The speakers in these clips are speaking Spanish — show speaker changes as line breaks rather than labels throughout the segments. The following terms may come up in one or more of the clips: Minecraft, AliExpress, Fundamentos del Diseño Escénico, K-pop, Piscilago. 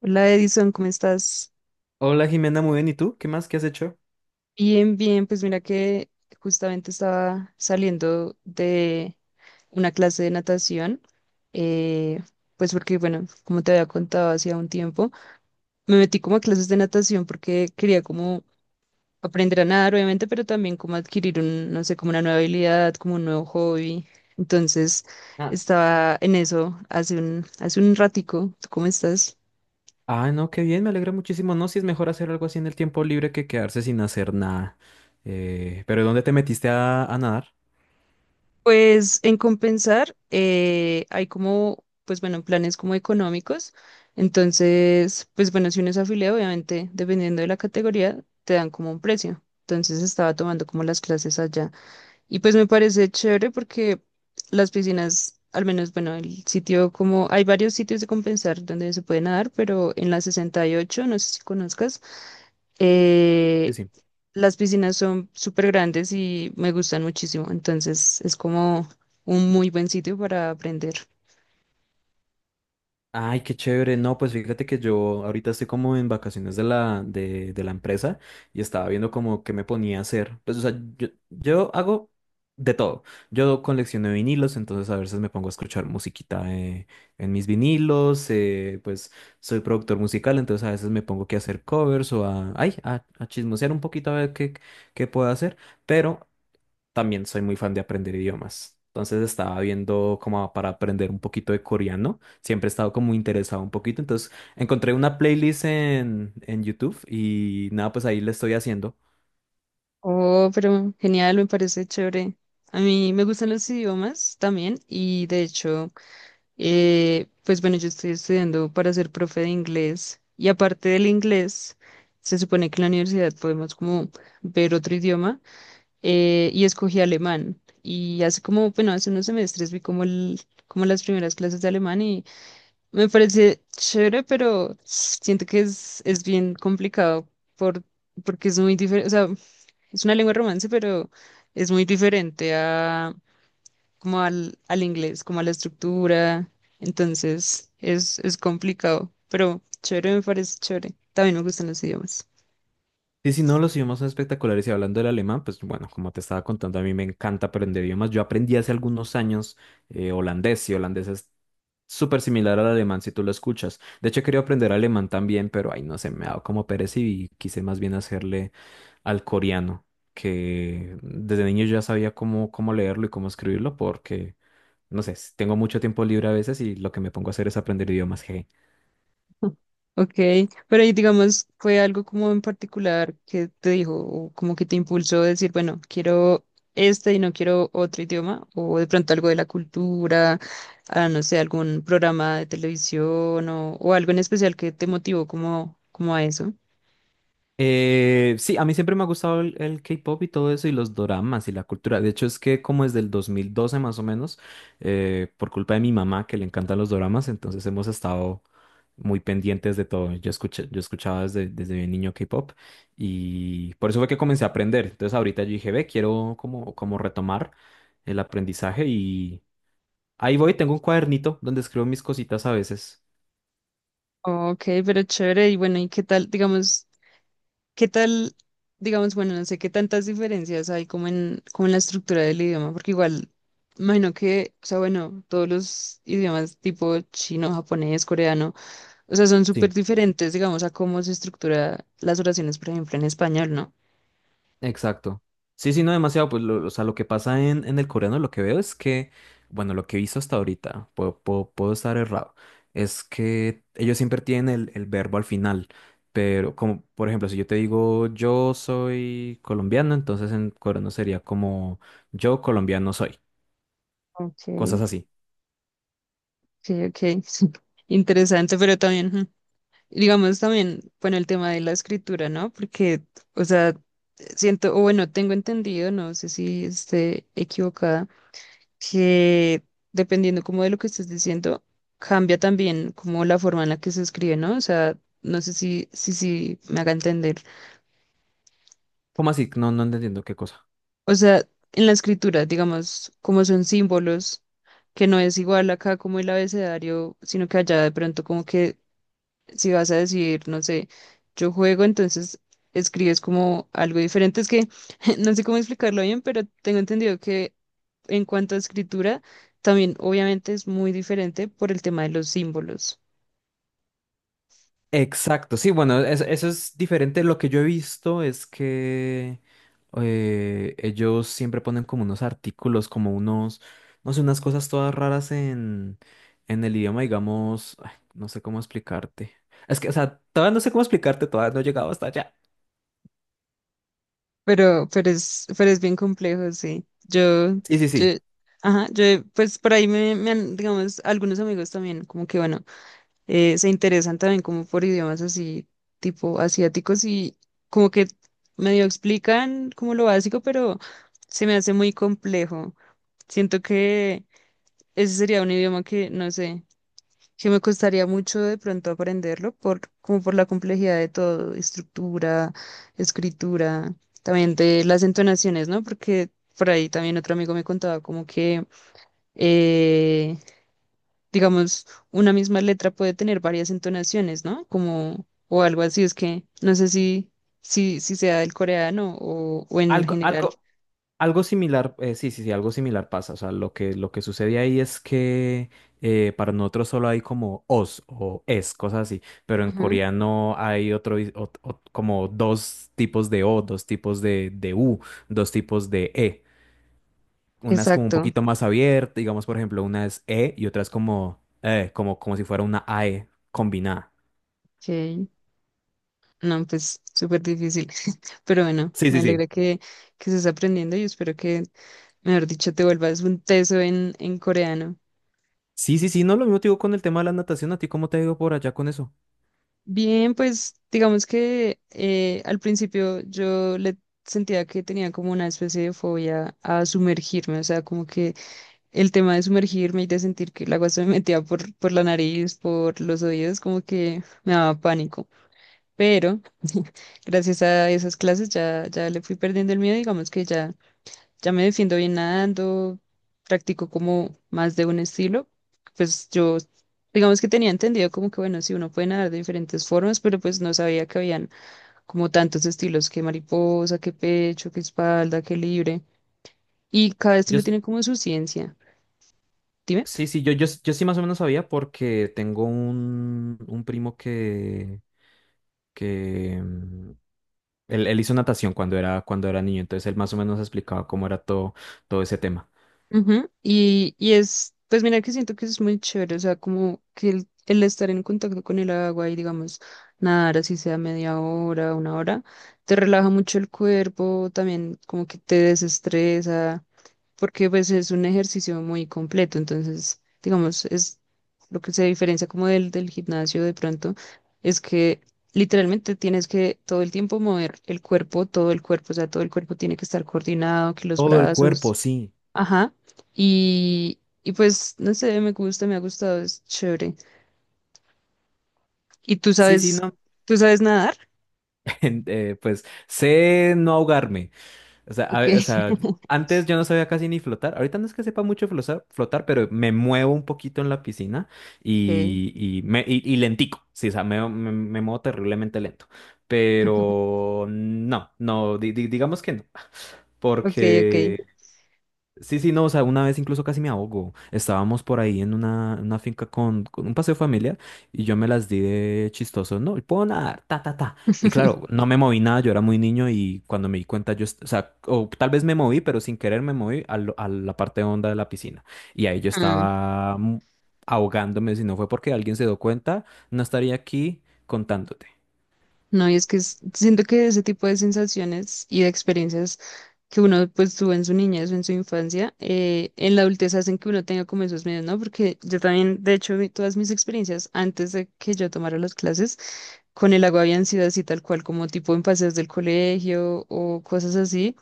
Hola Edison, ¿cómo estás?
Hola Jimena, muy bien. ¿Y tú? ¿Qué más? ¿Qué has hecho?
Bien, bien, pues mira que justamente estaba saliendo de una clase de natación, eh, pues porque, bueno, como te había contado hacía un tiempo, me metí como a clases de natación porque quería como aprender a nadar, obviamente, pero también como adquirir un, no sé, como una nueva habilidad, como un nuevo hobby. Entonces,
Ah,
estaba en eso hace un ratico. ¿Tú cómo estás?
No, qué bien, me alegra muchísimo. No, si es mejor hacer algo así en el tiempo libre que quedarse sin hacer nada. Pero ¿dónde te metiste a nadar?
Pues en compensar hay como, pues bueno, planes como económicos. Entonces, pues bueno, si uno es afiliado, obviamente, dependiendo de la categoría, te dan como un precio. Entonces estaba tomando como las clases allá. Y pues me parece chévere porque las piscinas, al menos, bueno, el sitio como, hay varios sitios de compensar donde se puede nadar, pero en la 68, no sé si conozcas, eh, las piscinas son súper grandes y me gustan muchísimo, entonces es como un muy buen sitio para aprender.
Ay, qué chévere. No, pues fíjate que yo ahorita estoy como en vacaciones de de la empresa y estaba viendo como qué me ponía a hacer. Pues, o sea, yo hago de todo. Yo colecciono vinilos, entonces a veces me pongo a escuchar musiquita en mis vinilos. Pues soy productor musical, entonces a veces me pongo que a hacer covers o a, ay, a chismosear un poquito a ver qué puedo hacer. Pero también soy muy fan de aprender idiomas. Entonces estaba viendo como para aprender un poquito de coreano. Siempre he estado como interesado un poquito. Entonces encontré una playlist en YouTube y nada, pues ahí le estoy haciendo.
Oh, pero genial, me parece chévere. A mí me gustan los idiomas también y de hecho, pues bueno, yo estoy estudiando para ser profe de inglés y aparte del inglés, se supone que en la universidad podemos como ver otro idioma, y escogí alemán y hace como, bueno, hace unos semestres vi como, el, como las primeras clases de alemán. Me parece chévere, pero siento que es bien complicado por, porque es muy diferente, o sea, es una lengua de romance, pero es muy diferente como al inglés, como a la estructura. Entonces, es complicado, pero chévere, me parece chévere. También me gustan los idiomas.
Y si no, los idiomas son espectaculares. Y hablando del alemán, pues bueno, como te estaba contando, a mí me encanta aprender idiomas. Yo aprendí hace algunos años holandés y holandés es súper similar al alemán si tú lo escuchas. De hecho, quería aprender alemán también, pero ahí no sé, me ha dado como pereza y quise más bien hacerle al coreano, que desde niño ya sabía cómo leerlo y cómo escribirlo, porque, no sé, tengo mucho tiempo libre a veces y lo que me pongo a hacer es aprender idiomas. Jeje.
Ok, pero y digamos, ¿fue algo como en particular que te dijo o como que te impulsó a decir, bueno, quiero este y no quiero otro idioma? ¿O de pronto algo de la cultura, ah, no sé, algún programa de televisión o algo en especial que te motivó como, como a eso?
Sí, a mí siempre me ha gustado el K-pop y todo eso y los doramas y la cultura. De hecho, es que como desde el 2012 más o menos, por culpa de mi mamá que le encantan los doramas, entonces hemos estado muy pendientes de todo. Yo escuchaba desde bien niño K-pop y por eso fue que comencé a aprender. Entonces ahorita yo dije, ve, quiero como retomar el aprendizaje y ahí voy, tengo un cuadernito donde escribo mis cositas a veces.
Ok, pero chévere. Y bueno, ¿y qué tal, digamos? ¿Qué tal, digamos, bueno, no sé qué tantas diferencias hay como en la estructura del idioma? Porque igual, imagino que, o sea, bueno, todos los idiomas tipo chino, japonés, coreano, o sea, son
Sí.
súper diferentes, digamos, a cómo se estructura las oraciones, por ejemplo, en español, ¿no?
Exacto. Sí, sí, no demasiado. Pues, o sea, lo que pasa en el coreano, lo que veo es que, bueno, lo que he visto hasta ahorita, puedo estar errado, es que ellos siempre tienen el verbo al final. Pero, como, por ejemplo, si yo te digo yo soy colombiano, entonces en coreano sería como yo colombiano soy.
Ok,
Cosas así.
ok, ok. Sí. Interesante, pero también, ujú, digamos, también, bueno, el tema de la escritura, ¿no? Porque, o sea, siento, o bueno, tengo entendido, no sé si esté equivocada que dependiendo como de lo que estés diciendo, cambia también como la forma en la que se escribe, ¿no? O sea, no sé si me haga entender.
¿Cómo así? No, no entiendo qué cosa.
O sea, en la escritura, digamos, como son símbolos, que no es igual acá como el abecedario, sino que allá de pronto como que si vas a decir, no sé, yo juego, entonces escribes como algo diferente. Es que no sé cómo explicarlo bien, pero tengo entendido que en cuanto a escritura, también obviamente es muy diferente por el tema de los símbolos.
Exacto, sí, bueno, eso es diferente. Lo que yo he visto es que ellos siempre ponen como unos artículos, como unos, no sé, unas cosas todas raras en el idioma, digamos, ay, no sé cómo explicarte. Es que, o sea, todavía no sé cómo explicarte, todavía no he llegado hasta allá.
Pero es bien complejo, sí. Yo,
Sí, sí,
yo,
sí,
ajá, yo, pues por ahí me han, digamos, algunos amigos también, como que bueno, se interesan también como por idiomas así tipo asiáticos y como que medio explican como lo básico, pero se me hace muy complejo. Siento que ese sería un idioma que, no sé, que me costaría mucho de pronto aprenderlo por, como por la complejidad de todo, estructura, escritura, también de las entonaciones, ¿no? Porque por ahí también otro amigo me contaba como que eh, digamos, una misma letra puede tener varias entonaciones, ¿no? Como, o algo así, es que no sé si sea del coreano o en
algo,
general.
algo. Algo similar, sí, sí, sí, algo similar pasa. O sea, lo que sucede ahí es que para nosotros solo hay como os o es, cosas así, pero en
Ujú.
coreano hay otro, como dos tipos de o, dos tipos de u, dos tipos de e. Una es como un
Exacto.
poquito más abierta, digamos, por ejemplo, una es e y otra es como, como, como si fuera una ae combinada.
Ok. No, pues súper difícil. Pero bueno,
Sí,
me
sí, sí.
alegra que estés aprendiendo y espero que, mejor dicho, te vuelvas un teso en coreano.
Sí, sí, sí, no, lo mismo te digo con el tema de la natación. ¿A ti cómo te digo por allá con eso?
Bien, pues digamos que al principio yo le sentía que tenía como una especie de fobia a sumergirme, o sea, como que el tema de sumergirme y de sentir que el agua se me metía por la nariz, por los oídos, como que me daba pánico. Pero gracias a esas clases ya, ya le fui perdiendo el miedo, digamos que ya, ya me defiendo bien nadando, practico como más de un estilo. Pues yo, digamos que tenía entendido como que bueno, sí, uno puede nadar de diferentes formas, pero pues no sabía que habían como tantos estilos, que mariposa, que pecho, que espalda, que libre. Y cada
Yo,
estilo tiene como su ciencia. Dime.
Sí, sí, yo sí más o menos sabía porque tengo un primo que él hizo natación cuando era niño, entonces él más o menos explicaba cómo era todo ese tema.
Ujú. Y es, pues mira que siento que es muy chévere, o sea, como que el estar en contacto con el agua y digamos, nadar así sea media hora, una hora, te relaja mucho el cuerpo, también como que te desestresa, porque pues es un ejercicio muy completo, entonces, digamos, es lo que se diferencia como del gimnasio de pronto, es que literalmente tienes que todo el tiempo mover el cuerpo, todo el cuerpo, o sea, todo el cuerpo tiene que estar coordinado, que los
Todo el cuerpo,
brazos.
sí.
Ajá. Y pues, no sé, me gusta, me ha gustado, es chévere. ¿Y
Sí, sí, no.
tú sabes nadar?
Pues sé no ahogarme. O sea,
Ok,
o sea, antes yo no sabía casi ni flotar. Ahorita no es que sepa mucho flotar, pero me muevo un poquito en la piscina
ok,
y lentico. Sí, o sea, me muevo terriblemente lento. Pero no, no, digamos que no.
ok, ok.
Porque sí, sí, no, o sea, una vez incluso casi me ahogo. Estábamos por ahí en una finca con un paseo familiar y yo me las di de chistoso, no, y puedo nadar, ta, ta, ta. Y claro, no me moví nada, yo era muy niño y cuando me di cuenta yo, o sea, o tal vez me moví, pero sin querer me moví a la parte honda de la piscina. Y ahí yo
Mm.
estaba ahogándome, si no fue porque alguien se dio cuenta, no estaría aquí contándote.
No, y es que es- siento que ese tipo de sensaciones y de experiencias que uno pues tuvo en su niñez o en su infancia, en la adultez hacen que uno tenga como esos miedos, ¿no? Porque yo también, de hecho, mi- todas mis experiencias antes de que yo tomara las clases con el agua habían sido así tal cual, como tipo en paseos del colegio o cosas así,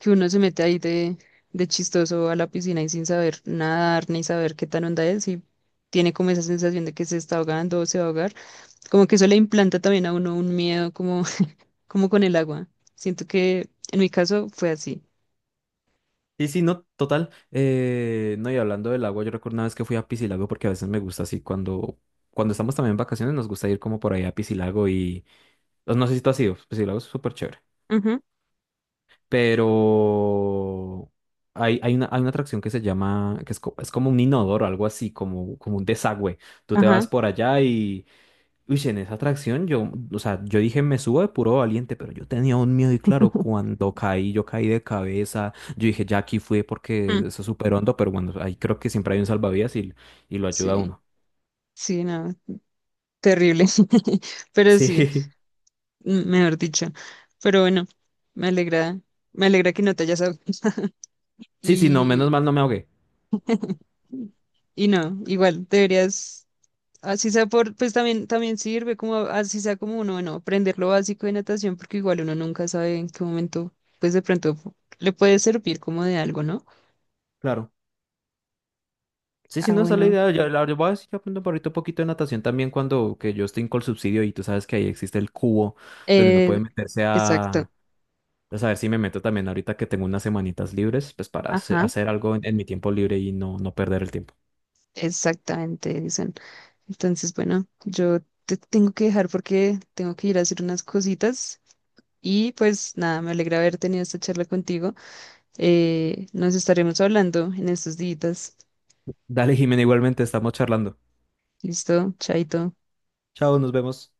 que uno se mete ahí de chistoso a la piscina y sin saber nadar ni saber qué tan onda es y tiene como esa sensación de que se está ahogando o se va a ahogar. Como que eso le implanta también a uno un miedo como, como con el agua. Siento que en mi caso fue así.
Sí, sí, no, total. No, y hablando del agua, yo recuerdo una vez que fui a Piscilago porque a veces me gusta así cuando estamos también en vacaciones nos gusta ir como por ahí a Piscilago y pues, no sé si tú has ido, Piscilago es súper chévere,
Ujú.
pero hay una atracción que se llama, es como un inodoro, algo así, como un desagüe. Tú te vas
Ajá.
por allá. Uy, si en esa atracción yo, o sea, yo dije me subo de puro valiente, pero yo tenía un miedo y claro, cuando caí, yo caí de cabeza, yo dije ya aquí fui porque
Mm.
eso es súper hondo, pero bueno, ahí creo que siempre hay un salvavidas y lo ayuda a
Sí,
uno.
sí, no, terrible. Pero
Sí,
sí, mm, mejor dicho. Pero bueno, me alegra, me alegra que no te hayas ahogado.
sí, sí, no, menos
Y,
mal no me ahogué,
y no, igual deberías. Así sea por, pues también, también sirve como así sea como uno, bueno, aprender lo básico de natación, porque igual uno nunca sabe en qué momento, pues de pronto le puede servir como de algo, ¿no?
claro. Sí, sí,
Ah,
no, esa es la
bueno.
idea, yo voy a decir que aprendo por ahorita un poquito de natación también cuando que yo estoy con el subsidio y tú sabes que ahí existe el cubo donde uno
Eh,
puede meterse
exacto.
a... Pues a ver si me meto también ahorita que tengo unas semanitas libres, pues para
Ajá,
hacer algo en mi tiempo libre y no, no perder el tiempo.
exactamente, dicen. Entonces, bueno, yo te tengo que dejar porque tengo que ir a hacer unas cositas. Y pues nada, me alegra haber tenido esta charla contigo. Nos estaremos hablando en estos días.
Dale, Jimena, igualmente estamos charlando.
Listo, chaito.
Chao, nos vemos.